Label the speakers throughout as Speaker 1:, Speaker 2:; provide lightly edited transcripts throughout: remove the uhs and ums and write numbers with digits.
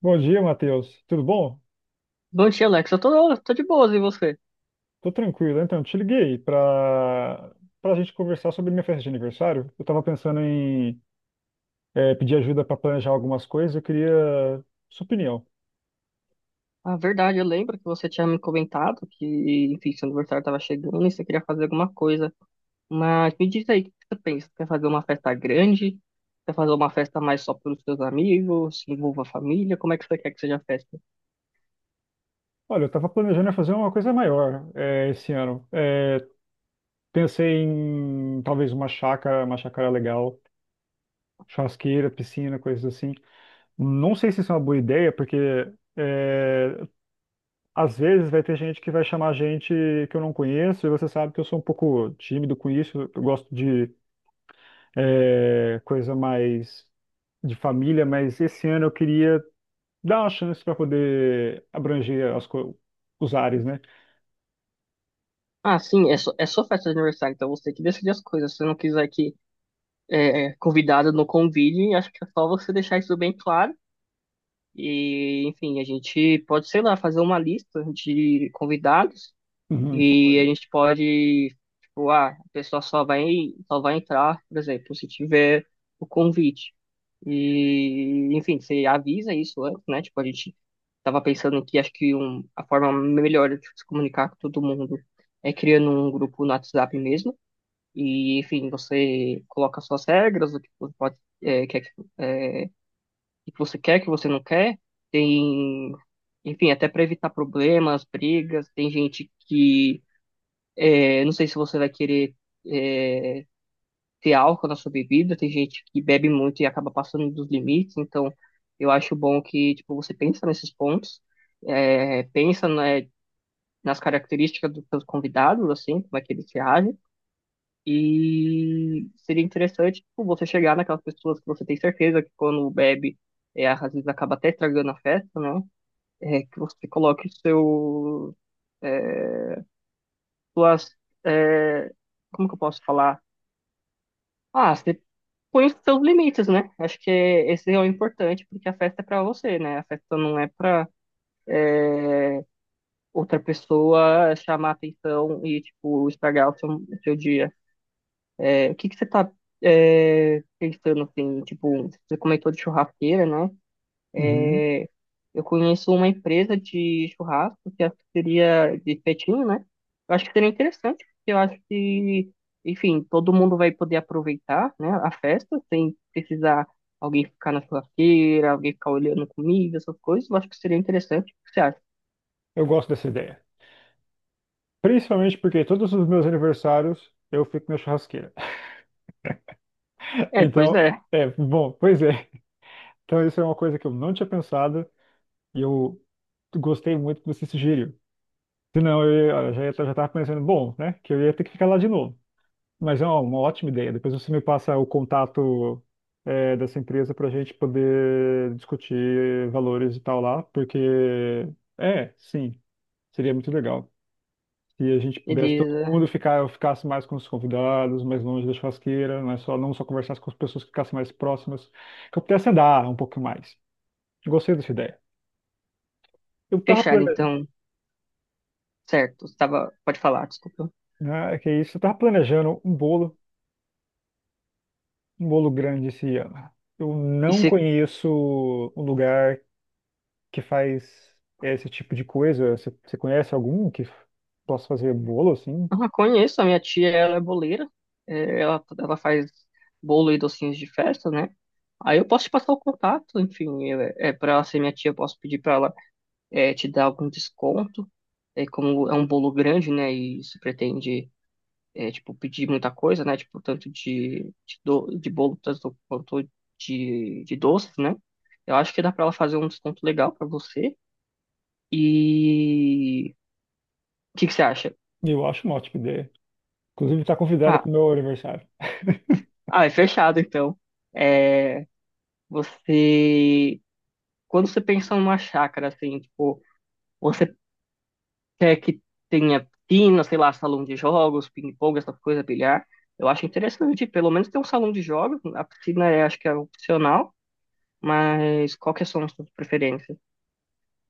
Speaker 1: Bom dia, Matheus. Tudo bom?
Speaker 2: Bom dia, Alex. Eu tô de boas, e você?
Speaker 1: Tô tranquilo. Então, te liguei para a gente conversar sobre minha festa de aniversário. Eu tava pensando em pedir ajuda para planejar algumas coisas. Eu queria sua opinião.
Speaker 2: Ah, verdade, eu lembro que você tinha me comentado que, enfim, seu aniversário estava chegando e você queria fazer alguma coisa. Mas me diz aí, o que você pensa? Quer fazer uma festa grande? Quer fazer uma festa mais só para os seus amigos? Se envolva a família? Como é que você quer que seja a festa?
Speaker 1: Olha, eu tava planejando fazer uma coisa maior esse ano. Pensei em talvez uma chácara legal, churrasqueira, piscina, coisas assim. Não sei se isso é uma boa ideia, porque é, às vezes vai ter gente que vai chamar gente que eu não conheço, e você sabe que eu sou um pouco tímido com isso, eu gosto de coisa mais de família, mas esse ano eu queria dar uma chance para poder abranger os ares, né?
Speaker 2: Ah, sim, é, só, é sua festa de aniversário, então você que decide as coisas. Se você não quiser que convidado não convide, acho que é só você deixar isso bem claro. E, enfim, a gente pode, sei lá, fazer uma lista de convidados.
Speaker 1: Uhum, isso é uma boa
Speaker 2: E a
Speaker 1: ideia.
Speaker 2: gente pode, tipo, ah, a pessoa só vai entrar, por exemplo, se tiver o convite. E, enfim, você avisa isso antes, né? Tipo, a gente tava pensando que acho que um, a forma melhor de se comunicar com todo mundo é criando um grupo no WhatsApp mesmo. E, enfim, você coloca suas regras, o que você pode, é, quer, que- é, o que você quer, o que você não quer. Tem, enfim, até para evitar problemas, brigas. Tem gente que não sei se você vai querer é, ter álcool na sua bebida. Tem gente que bebe muito e acaba passando dos limites. Então, eu acho bom que tipo você pensa nesses pontos, pensa né, nas características dos seus convidados, assim, como é que eles se agem. E seria interessante tipo, você chegar naquelas pessoas que você tem certeza que quando bebe, às vezes acaba até estragando a festa, né? É, que você coloque seu, é, suas, é, como que eu posso falar? Ah, você põe os seus limites, né? Acho que esse é o importante, porque a festa é pra você, né? A festa não é pra outra pessoa chamar atenção e, tipo, estragar o seu dia. É, o que que você tá pensando, assim? Tipo, você comentou de churrasqueira, né?
Speaker 1: Uhum.
Speaker 2: Eu conheço uma empresa de churrasco que acho que seria de petinho, né? Eu acho que seria interessante, porque eu acho que, enfim, todo mundo vai poder aproveitar, né, a festa sem precisar alguém ficar na churrasqueira, alguém ficar olhando comida, essas coisas. Eu acho que seria interessante. O que você acha?
Speaker 1: Eu gosto dessa ideia. Principalmente porque todos os meus aniversários eu fico na churrasqueira.
Speaker 2: É, pois
Speaker 1: Então,
Speaker 2: é.
Speaker 1: bom, pois é. Então isso é uma coisa que eu não tinha pensado e eu gostei muito que você sugeriu. Senão eu, ia- eu já ia- já estava pensando, bom, né, que eu ia ter que ficar lá de novo. Mas é uma ótima ideia. Depois você me passa o contato dessa empresa para a gente poder discutir valores e tal lá, porque sim, seria muito legal. Se a gente pudesse
Speaker 2: Eles
Speaker 1: todo mundo ficar, eu ficasse mais com os convidados, mais longe da churrasqueira, não é só não só conversasse com as pessoas que ficassem mais próximas, que eu pudesse andar um pouco mais. Gostei dessa ideia. Eu tava
Speaker 2: fecharam,
Speaker 1: planejando,
Speaker 2: então, certo. Estava, pode falar, desculpa.
Speaker 1: né, é que é isso, eu tava planejando um bolo um bolo grande esse ano. Eu
Speaker 2: E
Speaker 1: não
Speaker 2: você.
Speaker 1: conheço um lugar que faz esse tipo de coisa. Você conhece algum que possa fazer bolo assim?
Speaker 2: Ah, conheço, a minha tia, ela é boleira, é, ela faz bolo e docinhos de festa, né? Aí eu posso te passar o contato, enfim, é, é para ela ser minha tia, eu posso pedir para ela te dar algum desconto, é, como é um bolo grande, né, e se pretende, é, tipo, pedir muita coisa, né, tipo, tanto de bolo tanto quanto de doces, né? Eu acho que dá para ela fazer um desconto legal para você. E o que que você acha?
Speaker 1: Eu acho uma ótima ideia. Inclusive, está convidada
Speaker 2: Ah,
Speaker 1: para o meu aniversário.
Speaker 2: ah, é fechado, então. É, Você, quando você pensa numa chácara, assim, tipo, você quer que tenha piscina, sei lá, salão de jogos, ping-pong, essas coisas, bilhar. Eu acho interessante, pelo menos ter um salão de jogos. A piscina é, acho que é opcional, mas qual que são as suas preferências?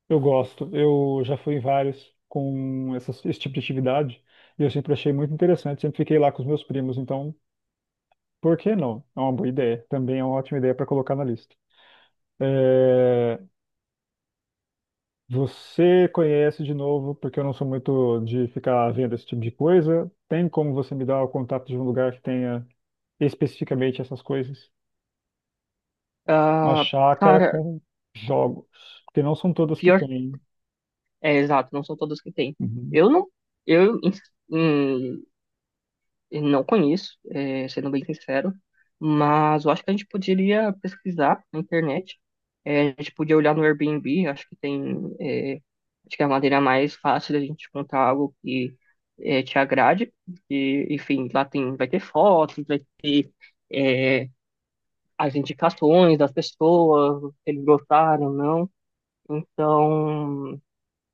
Speaker 1: Eu gosto. Eu já fui em vários com esse tipo de atividade e eu sempre achei muito interessante. Sempre fiquei lá com os meus primos. Então, por que não? É uma boa ideia. Também é uma ótima ideia para colocar na lista. É, Você conhece de novo, porque eu não sou muito de ficar vendo esse tipo de coisa. Tem como você me dar o contato de um lugar que tenha especificamente essas coisas? Uma
Speaker 2: Ah,
Speaker 1: chácara
Speaker 2: cara,
Speaker 1: com jogos, porque não são todas que
Speaker 2: pior,
Speaker 1: têm.
Speaker 2: é exato, não são todas que tem.
Speaker 1: Uhum.
Speaker 2: Eu não, eu em, Eu Não conheço, é, sendo bem sincero, mas eu acho que a gente poderia pesquisar na internet. É, a gente podia olhar no Airbnb, acho que tem, é, acho que é a maneira mais fácil da gente encontrar algo que te agrade. E, enfim, lá tem, vai ter fotos, vai ter é, as indicações das pessoas, se eles gostaram ou não. Então,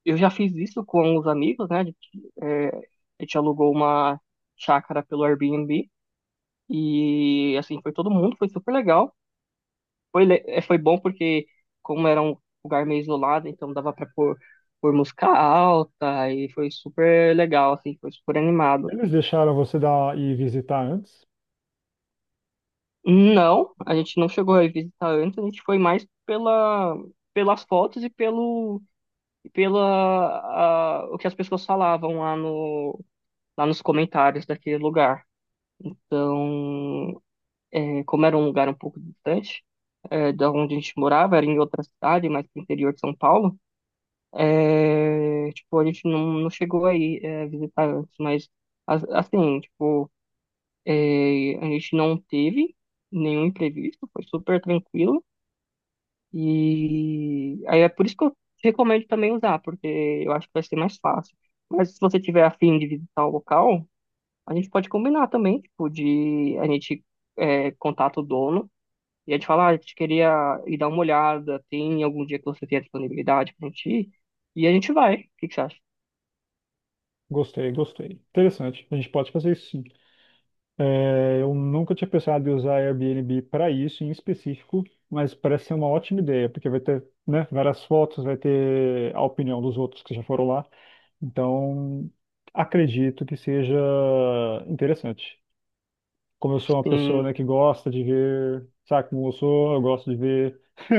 Speaker 2: eu já fiz isso com os amigos, né? A gente, é, a gente alugou uma chácara pelo Airbnb. E assim, foi todo mundo, foi super legal. Foi, foi bom porque, como era um lugar meio isolado, então dava pra pôr música alta e foi super legal, assim, foi super animado.
Speaker 1: Eles deixaram você dar e visitar antes?
Speaker 2: Não, a gente não chegou a visitar antes, a gente foi mais pelas fotos e pelo e pela o que as pessoas falavam lá no lá nos comentários daquele lugar. Então, é, como era um lugar um pouco distante da onde a gente morava, era em outra cidade, mais pro interior de São Paulo, é, tipo, a gente não chegou aí é, visitar antes, mas assim, tipo, é, a gente não teve nenhum imprevisto, foi super tranquilo, e aí é por isso que eu recomendo também usar, porque eu acho que vai ser mais fácil. Mas se você tiver afim de visitar o local, a gente pode combinar também, tipo, de a gente contato o dono e a gente fala, ah, a gente queria ir dar uma olhada, tem algum dia que você tem a disponibilidade pra gente ir? E a gente vai. O que que você acha?
Speaker 1: Gostei, gostei. Interessante. A gente pode fazer isso, sim. É, eu nunca tinha pensado em usar Airbnb para isso em específico, mas parece ser uma ótima ideia, porque vai ter, né, várias fotos, vai ter a opinião dos outros que já foram lá. Então, acredito que seja interessante. Como eu sou uma pessoa, né,
Speaker 2: Sim,
Speaker 1: que gosta de ver, sabe como eu sou, eu gosto de ver,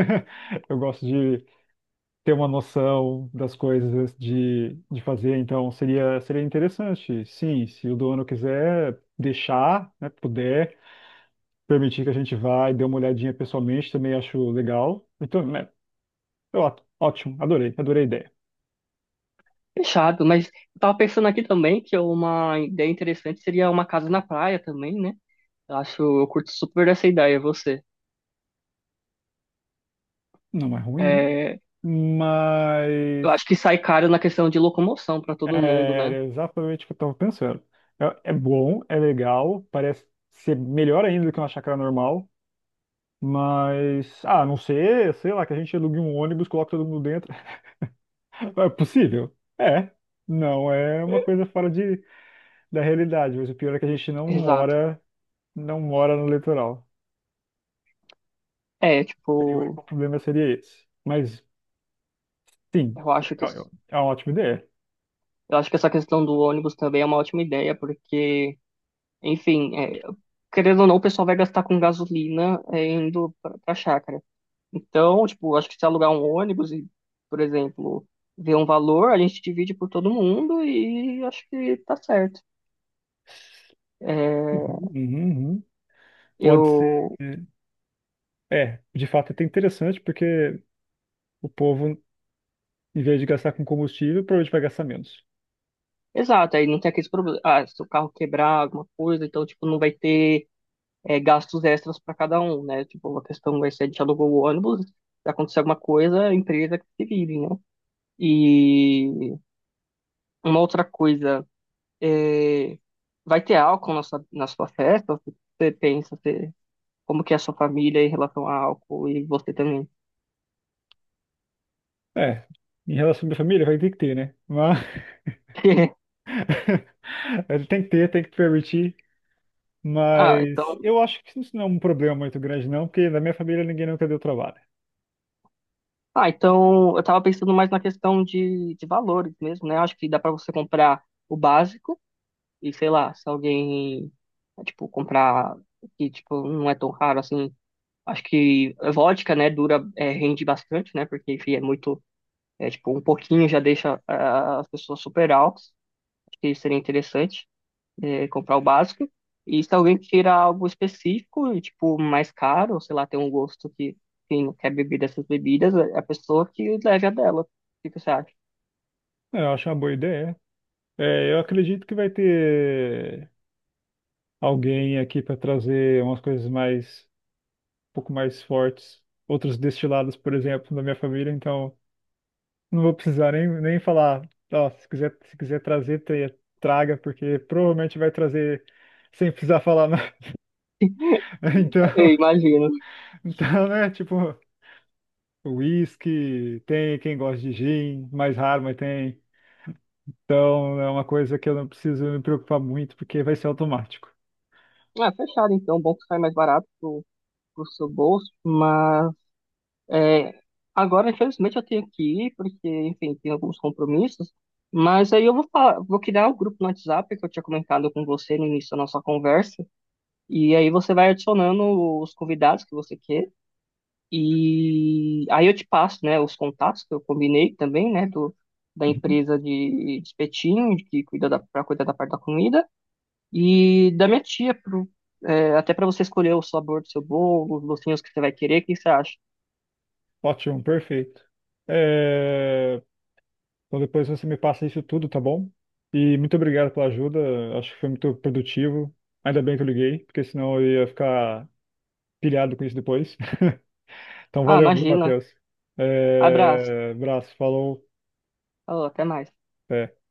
Speaker 1: eu gosto de ter uma noção das coisas antes de fazer, então seria, seria interessante, sim, se o dono quiser deixar, né, puder, permitir que a gente vá e dê uma olhadinha pessoalmente, também acho legal. Então, né, eu, ótimo, adorei, adorei a ideia.
Speaker 2: fechado. Mas eu tava pensando aqui também que uma ideia interessante seria uma casa na praia também, né? Eu acho, eu curto super essa ideia, você.
Speaker 1: Não é ruim,
Speaker 2: É, eu acho
Speaker 1: mas
Speaker 2: que sai caro na questão de locomoção pra todo mundo,
Speaker 1: é,
Speaker 2: né?
Speaker 1: era exatamente o que eu tava pensando. É, é bom, é legal, parece ser melhor ainda do que uma chácara normal, mas, ah, a não ser, sei lá, que a gente alugue um ônibus, coloque todo mundo dentro. É possível? É. Não, é uma coisa fora da realidade, mas o pior é que a gente não
Speaker 2: Exato.
Speaker 1: não mora no litoral.
Speaker 2: É,
Speaker 1: E o
Speaker 2: tipo,
Speaker 1: único problema seria esse. Mas, sim,
Speaker 2: eu acho que
Speaker 1: é uma ótima ideia.
Speaker 2: eu acho que essa questão do ônibus também é uma ótima ideia, porque enfim, é, querendo ou não, o pessoal vai gastar com gasolina é, indo pra chácara. Então, tipo, acho que se alugar um ônibus e, por exemplo, ver um valor, a gente divide por todo mundo e acho que tá certo. É,
Speaker 1: Uhum, uhum, uhum. Pode ser.
Speaker 2: eu.
Speaker 1: É, de fato é até interessante porque o povo, em vez de gastar com combustível, provavelmente vai gastar menos.
Speaker 2: Exato, aí não tem aqueles problemas. Ah, se o carro quebrar alguma coisa, então, tipo, não vai ter gastos extras para cada um, né? Tipo, a questão vai ser: a gente alugou o ônibus, se acontecer alguma coisa, a empresa que se vire, né? E uma outra coisa. É, vai ter álcool na sua festa? Ou Você pensa, você, como que é a sua família em relação a álcool e você também?
Speaker 1: É, em relação à minha família, vai ter que ter, né? Mas ele tem que ter, tem que permitir.
Speaker 2: Ah,
Speaker 1: Mas
Speaker 2: então,
Speaker 1: eu acho que isso não é um problema muito grande, não, porque na minha família ninguém nunca deu trabalho.
Speaker 2: ah, então eu tava pensando mais na questão de valores mesmo, né? Acho que dá pra você comprar o básico e sei lá, se alguém tipo comprar que tipo não é tão raro assim, acho que vodka, né, dura é, rende bastante, né? Porque enfim, é muito é tipo um pouquinho já deixa ah, as pessoas super altas. Acho que seria interessante. É, comprar o básico. E se alguém tira algo específico, e, tipo, mais caro, ou sei lá, tem um gosto que quem não quer beber dessas bebidas, é a pessoa que leve a dela. O que você acha?
Speaker 1: É, eu acho uma boa ideia. É, eu acredito que vai ter alguém aqui para trazer umas coisas mais, um pouco mais fortes, outros destilados, por exemplo, da minha família. Então, não vou precisar nem falar. Ó, se quiser, traga, porque provavelmente vai trazer sem precisar falar nada. Então,
Speaker 2: É, eu imagino.
Speaker 1: então, né? Tipo, whisky, tem quem gosta de gin, mais raro, mas tem. Então, é uma coisa que eu não preciso me preocupar muito, porque vai ser automático.
Speaker 2: Ah, fechado então, bom que sai mais barato pro seu bolso, mas é, agora infelizmente eu tenho que ir, porque, enfim, tenho alguns compromissos, mas aí eu vou, vou criar o grupo no WhatsApp que eu tinha comentado com você no início da nossa conversa, e aí você vai adicionando os convidados que você queira. E aí eu te passo, né, os contatos que eu combinei também, né, da
Speaker 1: Uhum.
Speaker 2: empresa de espetinho, de que cuida da, para cuidar da parte da comida, e da minha tia, pro, é, até para você escolher o sabor do seu bolo, os docinhos que você vai querer, o que você acha?
Speaker 1: Ótimo, perfeito. Eh, Então depois você me passa isso tudo, tá bom? E muito obrigado pela ajuda, acho que foi muito produtivo. Ainda bem que eu liguei, porque senão eu ia ficar pilhado com isso depois. Então
Speaker 2: Ah,
Speaker 1: valeu, viu,
Speaker 2: imagina.
Speaker 1: Matheus?
Speaker 2: Abraço.
Speaker 1: É... Abraço, falou.
Speaker 2: Falou, até mais.
Speaker 1: Até.